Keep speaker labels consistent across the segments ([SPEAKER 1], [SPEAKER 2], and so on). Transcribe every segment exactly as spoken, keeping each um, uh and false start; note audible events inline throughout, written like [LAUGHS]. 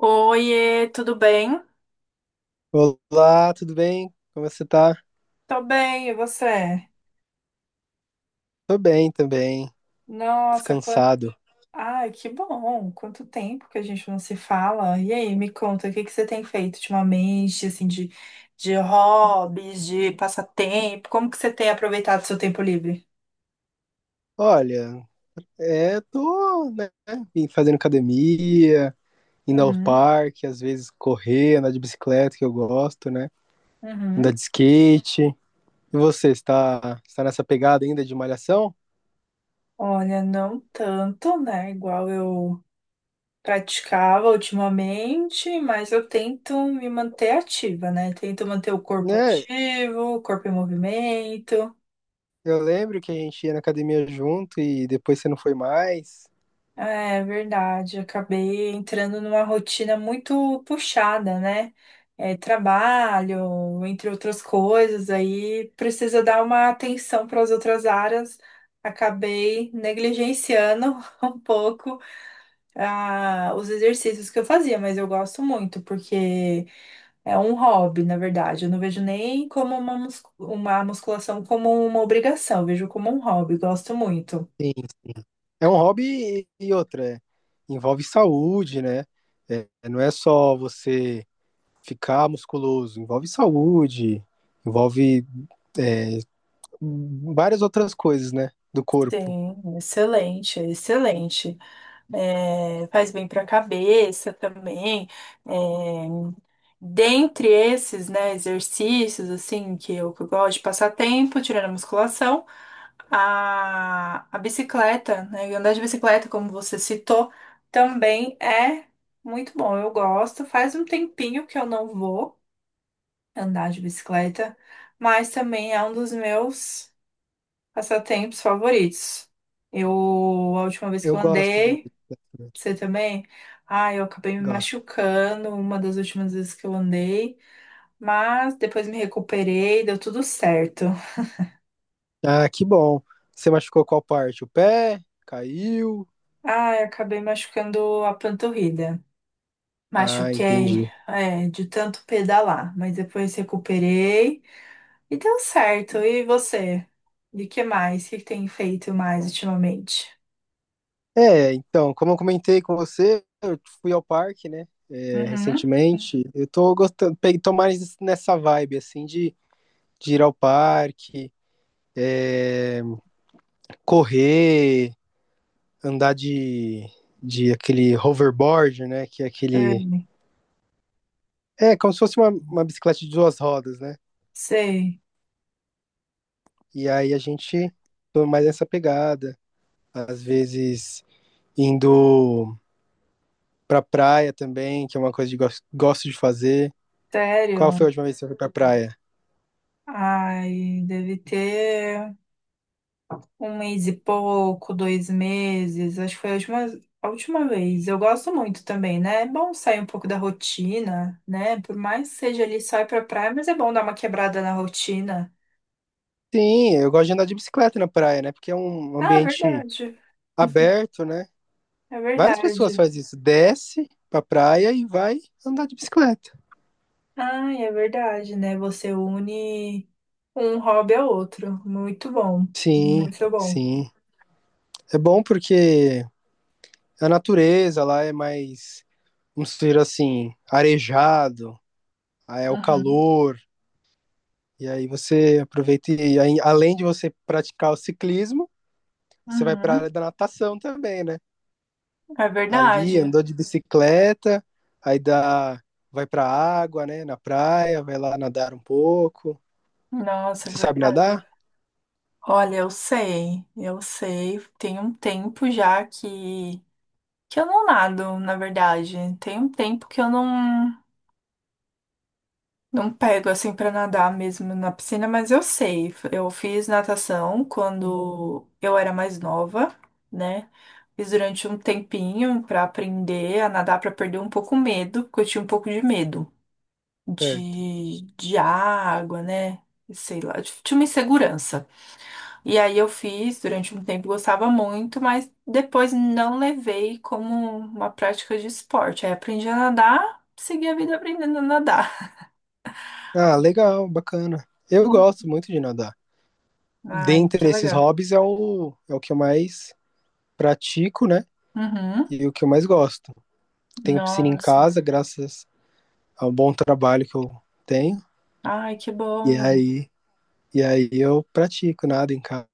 [SPEAKER 1] Oiê, tudo bem?
[SPEAKER 2] Olá, tudo bem? Como você tá?
[SPEAKER 1] Tô bem, e você?
[SPEAKER 2] Tô bem também,
[SPEAKER 1] Nossa, quanto...
[SPEAKER 2] descansado.
[SPEAKER 1] Ai, que bom! Quanto tempo que a gente não se fala. E aí, me conta, o que que você tem feito ultimamente, assim, de, de hobbies, de passatempo? Como que você tem aproveitado seu tempo livre?
[SPEAKER 2] Olha, é, tô, né, vim fazendo academia, indo ao
[SPEAKER 1] Uhum,
[SPEAKER 2] parque, às vezes correr, andar de bicicleta, que eu gosto, né? Andar
[SPEAKER 1] uhum.
[SPEAKER 2] de skate. E você, está, está nessa pegada ainda de malhação?
[SPEAKER 1] Olha, não tanto, né? Igual eu praticava ultimamente, mas eu tento me manter ativa, né? Tento manter o corpo
[SPEAKER 2] Né,
[SPEAKER 1] ativo, o corpo em movimento.
[SPEAKER 2] eu lembro que a gente ia na academia junto e depois você não foi mais.
[SPEAKER 1] É verdade, acabei entrando numa rotina muito puxada, né? É, trabalho, entre outras coisas, aí precisa dar uma atenção para as outras áreas. Acabei negligenciando [LAUGHS] um pouco ah, os exercícios que eu fazia, mas eu gosto muito, porque é um hobby, na verdade. Eu não vejo nem como uma, mus- uma musculação como uma obrigação, eu vejo como um hobby, gosto muito.
[SPEAKER 2] Sim, é um hobby e e outra, é, envolve saúde, né? É, não é só você ficar musculoso, envolve saúde, envolve é, várias outras coisas, né, do corpo.
[SPEAKER 1] Sim, excelente, excelente. É, faz bem para a cabeça também. É, dentre esses, né, exercícios assim que eu, que eu gosto de passar tempo, tirando a musculação, a, a bicicleta, né, e andar de bicicleta, como você citou, também é muito bom. Eu gosto. Faz um tempinho que eu não vou andar de bicicleta, mas também é um dos meus passatempos favoritos. Eu, a última vez que
[SPEAKER 2] Eu
[SPEAKER 1] eu
[SPEAKER 2] gosto de andar de
[SPEAKER 1] andei,
[SPEAKER 2] bicicleta,
[SPEAKER 1] você também? Ah, eu acabei me
[SPEAKER 2] gosto.
[SPEAKER 1] machucando uma das últimas vezes que eu andei, mas depois me recuperei, deu tudo certo.
[SPEAKER 2] Ah, que bom. Você machucou qual parte? O pé? Caiu?
[SPEAKER 1] Ah, eu acabei machucando a panturrilha.
[SPEAKER 2] Ah,
[SPEAKER 1] Machuquei,
[SPEAKER 2] entendi.
[SPEAKER 1] é, de tanto pedalar, mas depois recuperei e deu certo. E você? E que mais? O que que tem feito mais ultimamente?
[SPEAKER 2] É, então, como eu comentei com você, eu fui ao parque, né, é,
[SPEAKER 1] Uhum.
[SPEAKER 2] recentemente. Eu tô gostando, peguei, tô mais nessa vibe, assim, de, de ir ao parque, correr, andar de, de aquele hoverboard, né? Que é aquele.
[SPEAKER 1] Sei.
[SPEAKER 2] É, como se fosse uma, uma bicicleta de duas rodas, né?
[SPEAKER 1] Sei.
[SPEAKER 2] E aí a gente toma mais essa pegada. Às vezes indo pra praia também, que é uma coisa que gosto, gosto de fazer. Qual
[SPEAKER 1] Sério?
[SPEAKER 2] foi a última vez que você foi pra praia?
[SPEAKER 1] Ai, deve ter. Um mês e pouco, dois meses, acho que foi a última, a última vez. Eu gosto muito também, né? É bom sair um pouco da rotina, né? Por mais que seja ali só ir pra praia, mas é bom dar uma quebrada na rotina.
[SPEAKER 2] Sim, eu gosto de andar de bicicleta na praia, né? Porque é um
[SPEAKER 1] Ah, é
[SPEAKER 2] ambiente
[SPEAKER 1] verdade.
[SPEAKER 2] aberto, né?
[SPEAKER 1] É
[SPEAKER 2] Várias pessoas
[SPEAKER 1] verdade.
[SPEAKER 2] fazem isso. Desce pra praia e vai andar de bicicleta.
[SPEAKER 1] Ai, é verdade, né? Você une um hobby ao outro. Muito bom.
[SPEAKER 2] Sim,
[SPEAKER 1] Muito bom.
[SPEAKER 2] sim. É bom porque a natureza lá é mais, vamos dizer assim, arejado, aí é o
[SPEAKER 1] Uhum.
[SPEAKER 2] calor, e aí você aproveita e aí, além de você praticar o ciclismo, você vai para a
[SPEAKER 1] Uhum.
[SPEAKER 2] área da natação também, né?
[SPEAKER 1] É
[SPEAKER 2] Ali
[SPEAKER 1] verdade.
[SPEAKER 2] andou de bicicleta, aí dá, vai para a água, né? Na praia, vai lá nadar um pouco.
[SPEAKER 1] Nossa, é
[SPEAKER 2] Você sabe
[SPEAKER 1] verdade.
[SPEAKER 2] nadar?
[SPEAKER 1] Olha, eu sei, eu sei. Tem um tempo já que, que eu não nado, na verdade. Tem um tempo que eu não, não pego assim pra nadar mesmo na piscina, mas eu sei. Eu fiz natação quando eu era mais nova, né? Fiz durante um tempinho pra aprender a nadar, pra perder um pouco o medo, porque eu tinha um pouco de medo
[SPEAKER 2] Certo.
[SPEAKER 1] de, de água, né? Sei lá, de- tinha uma insegurança. E aí eu fiz durante um tempo, gostava muito, mas depois não levei como uma prática de esporte. Aí aprendi a nadar, segui a vida aprendendo a nadar.
[SPEAKER 2] Ah, legal, bacana. Eu gosto
[SPEAKER 1] Hum.
[SPEAKER 2] muito de nadar.
[SPEAKER 1] Ai, que
[SPEAKER 2] Dentre esses
[SPEAKER 1] legal.
[SPEAKER 2] hobbies é o, é o que eu mais pratico, né?
[SPEAKER 1] Uhum.
[SPEAKER 2] E o que eu mais gosto. Tenho piscina em
[SPEAKER 1] Nossa.
[SPEAKER 2] casa, graças ao bom trabalho que eu tenho.
[SPEAKER 1] Ai, que
[SPEAKER 2] E
[SPEAKER 1] bom.
[SPEAKER 2] aí, e aí eu pratico nada em casa.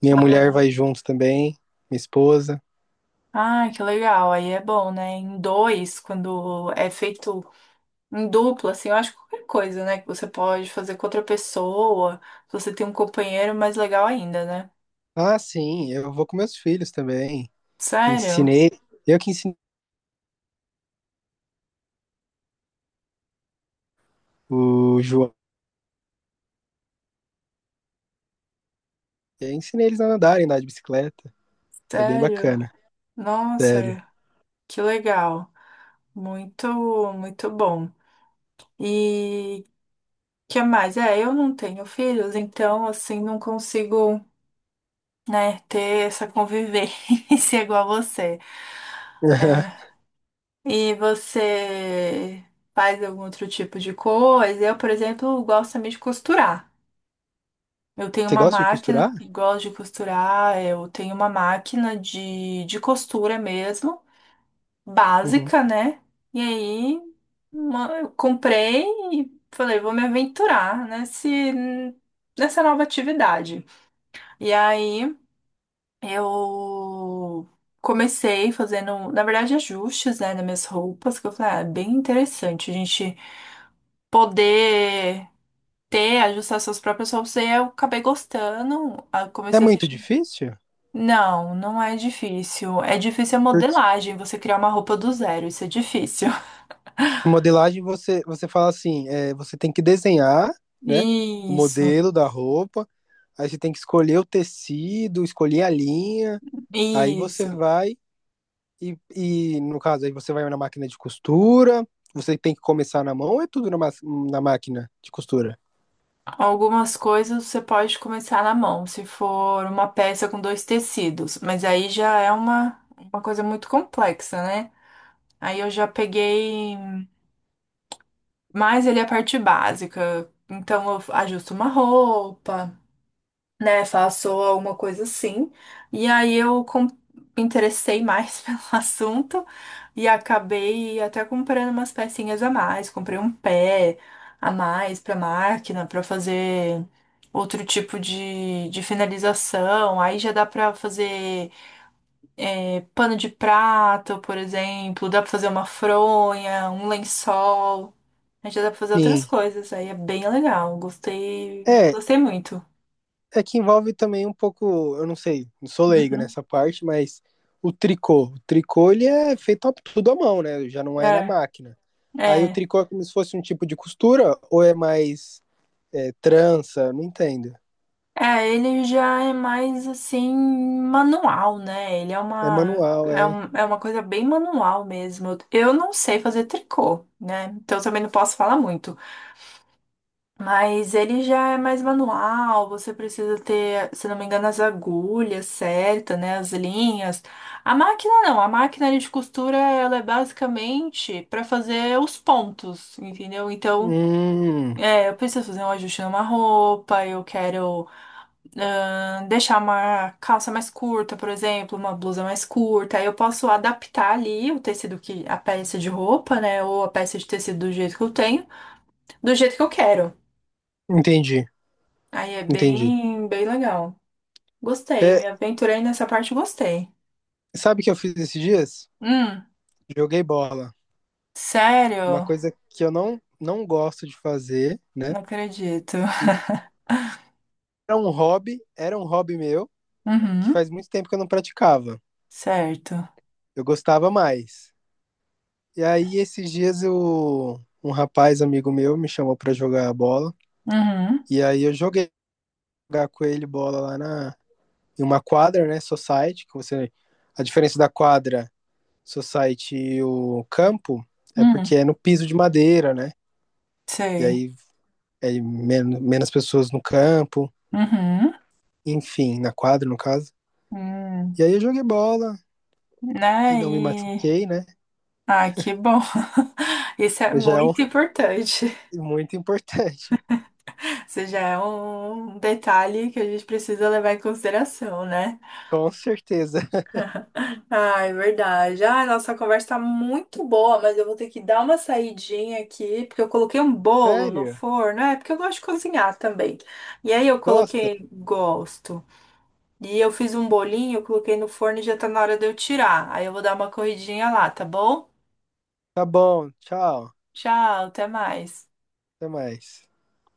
[SPEAKER 2] Minha mulher
[SPEAKER 1] Ah,
[SPEAKER 2] vai junto também, minha esposa.
[SPEAKER 1] ai, que legal. Aí é bom, né? Em dois, quando é feito em dupla, assim, eu acho que qualquer coisa, né? Que você pode fazer com outra pessoa. Se você tem um companheiro, é mais legal ainda, né?
[SPEAKER 2] Ah, sim, eu vou com meus filhos também.
[SPEAKER 1] Sério?
[SPEAKER 2] Ensinei, eu que ensinei o João. Eu ensinei eles a nadarem, andar de bicicleta. É bem
[SPEAKER 1] Sério?
[SPEAKER 2] bacana,
[SPEAKER 1] Nossa.
[SPEAKER 2] sério.
[SPEAKER 1] Que legal. Muito, muito bom. E que mais? É, eu não tenho filhos, então assim não consigo, né, ter essa convivência [LAUGHS] igual você. É.
[SPEAKER 2] [LAUGHS]
[SPEAKER 1] E você faz algum outro tipo de coisa? Eu, por exemplo, gosto também de costurar. Eu tenho
[SPEAKER 2] Você
[SPEAKER 1] uma
[SPEAKER 2] gosta de costurar?
[SPEAKER 1] máquina, gosto de costurar, eu tenho uma máquina de, de costura mesmo.
[SPEAKER 2] Uhum.
[SPEAKER 1] Básica, né? E aí uma- eu comprei e falei, vou me aventurar nesse, nessa nova atividade. E aí eu comecei fazendo, na verdade, ajustes, né, nas minhas roupas, que eu falei, ah, é bem interessante a gente poder ter, ajustar suas próprias roupas. E aí eu acabei gostando, aí eu
[SPEAKER 2] É
[SPEAKER 1] comecei a
[SPEAKER 2] muito
[SPEAKER 1] assistir.
[SPEAKER 2] difícil?
[SPEAKER 1] Não, não é difícil. É difícil a
[SPEAKER 2] Porque
[SPEAKER 1] modelagem, você criar uma roupa do zero, isso é difícil.
[SPEAKER 2] a modelagem você, você fala assim, é, você tem que desenhar, né, o
[SPEAKER 1] [LAUGHS] Isso.
[SPEAKER 2] modelo da roupa, aí você tem que escolher o tecido, escolher a linha, aí você
[SPEAKER 1] Isso.
[SPEAKER 2] vai e, e no caso aí você vai na máquina de costura, você tem que começar na mão ou é tudo na, ma- na máquina de costura?
[SPEAKER 1] Algumas coisas você pode começar na mão, se for uma peça com dois tecidos, mas aí já é uma, uma coisa muito complexa, né? Aí eu já peguei mais ali a parte básica. Então eu ajusto uma roupa, né? Faço alguma coisa assim. E aí eu com- me interessei mais [LAUGHS] pelo assunto e acabei até comprando umas pecinhas a mais. Comprei um pé a mais pra máquina pra fazer outro tipo de, de finalização. Aí já dá pra fazer é, pano de prato, por exemplo. Dá pra fazer uma fronha, um lençol. Aí já dá pra fazer outras
[SPEAKER 2] Sim.
[SPEAKER 1] coisas, aí é bem legal. Gostei,
[SPEAKER 2] É,
[SPEAKER 1] gostei muito.
[SPEAKER 2] é que envolve também um pouco, eu não sei, não sou leigo
[SPEAKER 1] Uhum.
[SPEAKER 2] nessa parte, mas o tricô. O tricô ele é feito a- tudo à mão, né? Já não é na
[SPEAKER 1] É,
[SPEAKER 2] máquina. Aí o
[SPEAKER 1] é.
[SPEAKER 2] tricô é como se fosse um tipo de costura ou é mais é, trança? Não entendo.
[SPEAKER 1] É, ele já é mais assim, manual, né? Ele é
[SPEAKER 2] É
[SPEAKER 1] uma,
[SPEAKER 2] manual,
[SPEAKER 1] é
[SPEAKER 2] é.
[SPEAKER 1] um- é uma coisa bem manual mesmo. Eu não sei fazer tricô, né? Então eu também não posso falar muito. Mas ele já é mais manual, você precisa ter, se não me engano, as agulhas certas, né? As linhas. A máquina não, a máquina ali de costura, ela é basicamente para fazer os pontos, entendeu? Então,
[SPEAKER 2] Hum,
[SPEAKER 1] é, eu preciso fazer um ajuste numa roupa, eu quero ahn, deixar uma calça mais curta, por exemplo, uma blusa mais curta. Aí eu posso adaptar ali o tecido que, a peça de roupa, né? Ou a peça de tecido do jeito que eu tenho, do jeito que eu quero.
[SPEAKER 2] entendi,
[SPEAKER 1] Aí é
[SPEAKER 2] entendi.
[SPEAKER 1] bem, bem legal. Gostei,
[SPEAKER 2] É,
[SPEAKER 1] me aventurei nessa parte, e gostei.
[SPEAKER 2] sabe o que eu fiz esses dias?
[SPEAKER 1] Hum,
[SPEAKER 2] Joguei bola. Uma
[SPEAKER 1] sério?
[SPEAKER 2] coisa que eu não, não gosto de fazer, né?
[SPEAKER 1] Não acredito.
[SPEAKER 2] Era um hobby, era um hobby meu, que
[SPEAKER 1] Uhum,
[SPEAKER 2] faz muito tempo que eu não praticava.
[SPEAKER 1] certo.
[SPEAKER 2] Eu gostava mais. E aí, esses dias, eu, um rapaz amigo meu me chamou pra jogar bola.
[SPEAKER 1] Uhum,
[SPEAKER 2] E aí, eu joguei jogar com ele bola lá na, em uma quadra, né? Society, que você. A diferença da quadra, society e o campo é
[SPEAKER 1] uhum,
[SPEAKER 2] porque é no piso de madeira, né? E
[SPEAKER 1] sei.
[SPEAKER 2] aí é men- menos pessoas no campo,
[SPEAKER 1] Uhum,
[SPEAKER 2] enfim, na quadra, no caso.
[SPEAKER 1] hum,
[SPEAKER 2] E aí eu joguei bola e
[SPEAKER 1] né?
[SPEAKER 2] não me
[SPEAKER 1] E.
[SPEAKER 2] machuquei, né?
[SPEAKER 1] Ah, que bom. [LAUGHS] Isso é
[SPEAKER 2] Já é um-
[SPEAKER 1] muito importante.
[SPEAKER 2] muito importante,
[SPEAKER 1] Isso já é um detalhe que a gente precisa levar em consideração, né?
[SPEAKER 2] [LAUGHS] com certeza.
[SPEAKER 1] Ah, é verdade. Ah, nossa, a conversa tá muito boa, mas eu vou ter que dar uma saidinha aqui, porque eu coloquei um bolo no
[SPEAKER 2] Sério?
[SPEAKER 1] forno, é porque eu gosto de cozinhar também. E aí eu
[SPEAKER 2] Gosta?
[SPEAKER 1] coloquei, gosto. E eu fiz um bolinho, eu coloquei no forno e já tá na hora de eu tirar. Aí eu vou dar uma corridinha lá, tá bom?
[SPEAKER 2] Tá bom, tchau.
[SPEAKER 1] Tchau, até mais.
[SPEAKER 2] Até mais.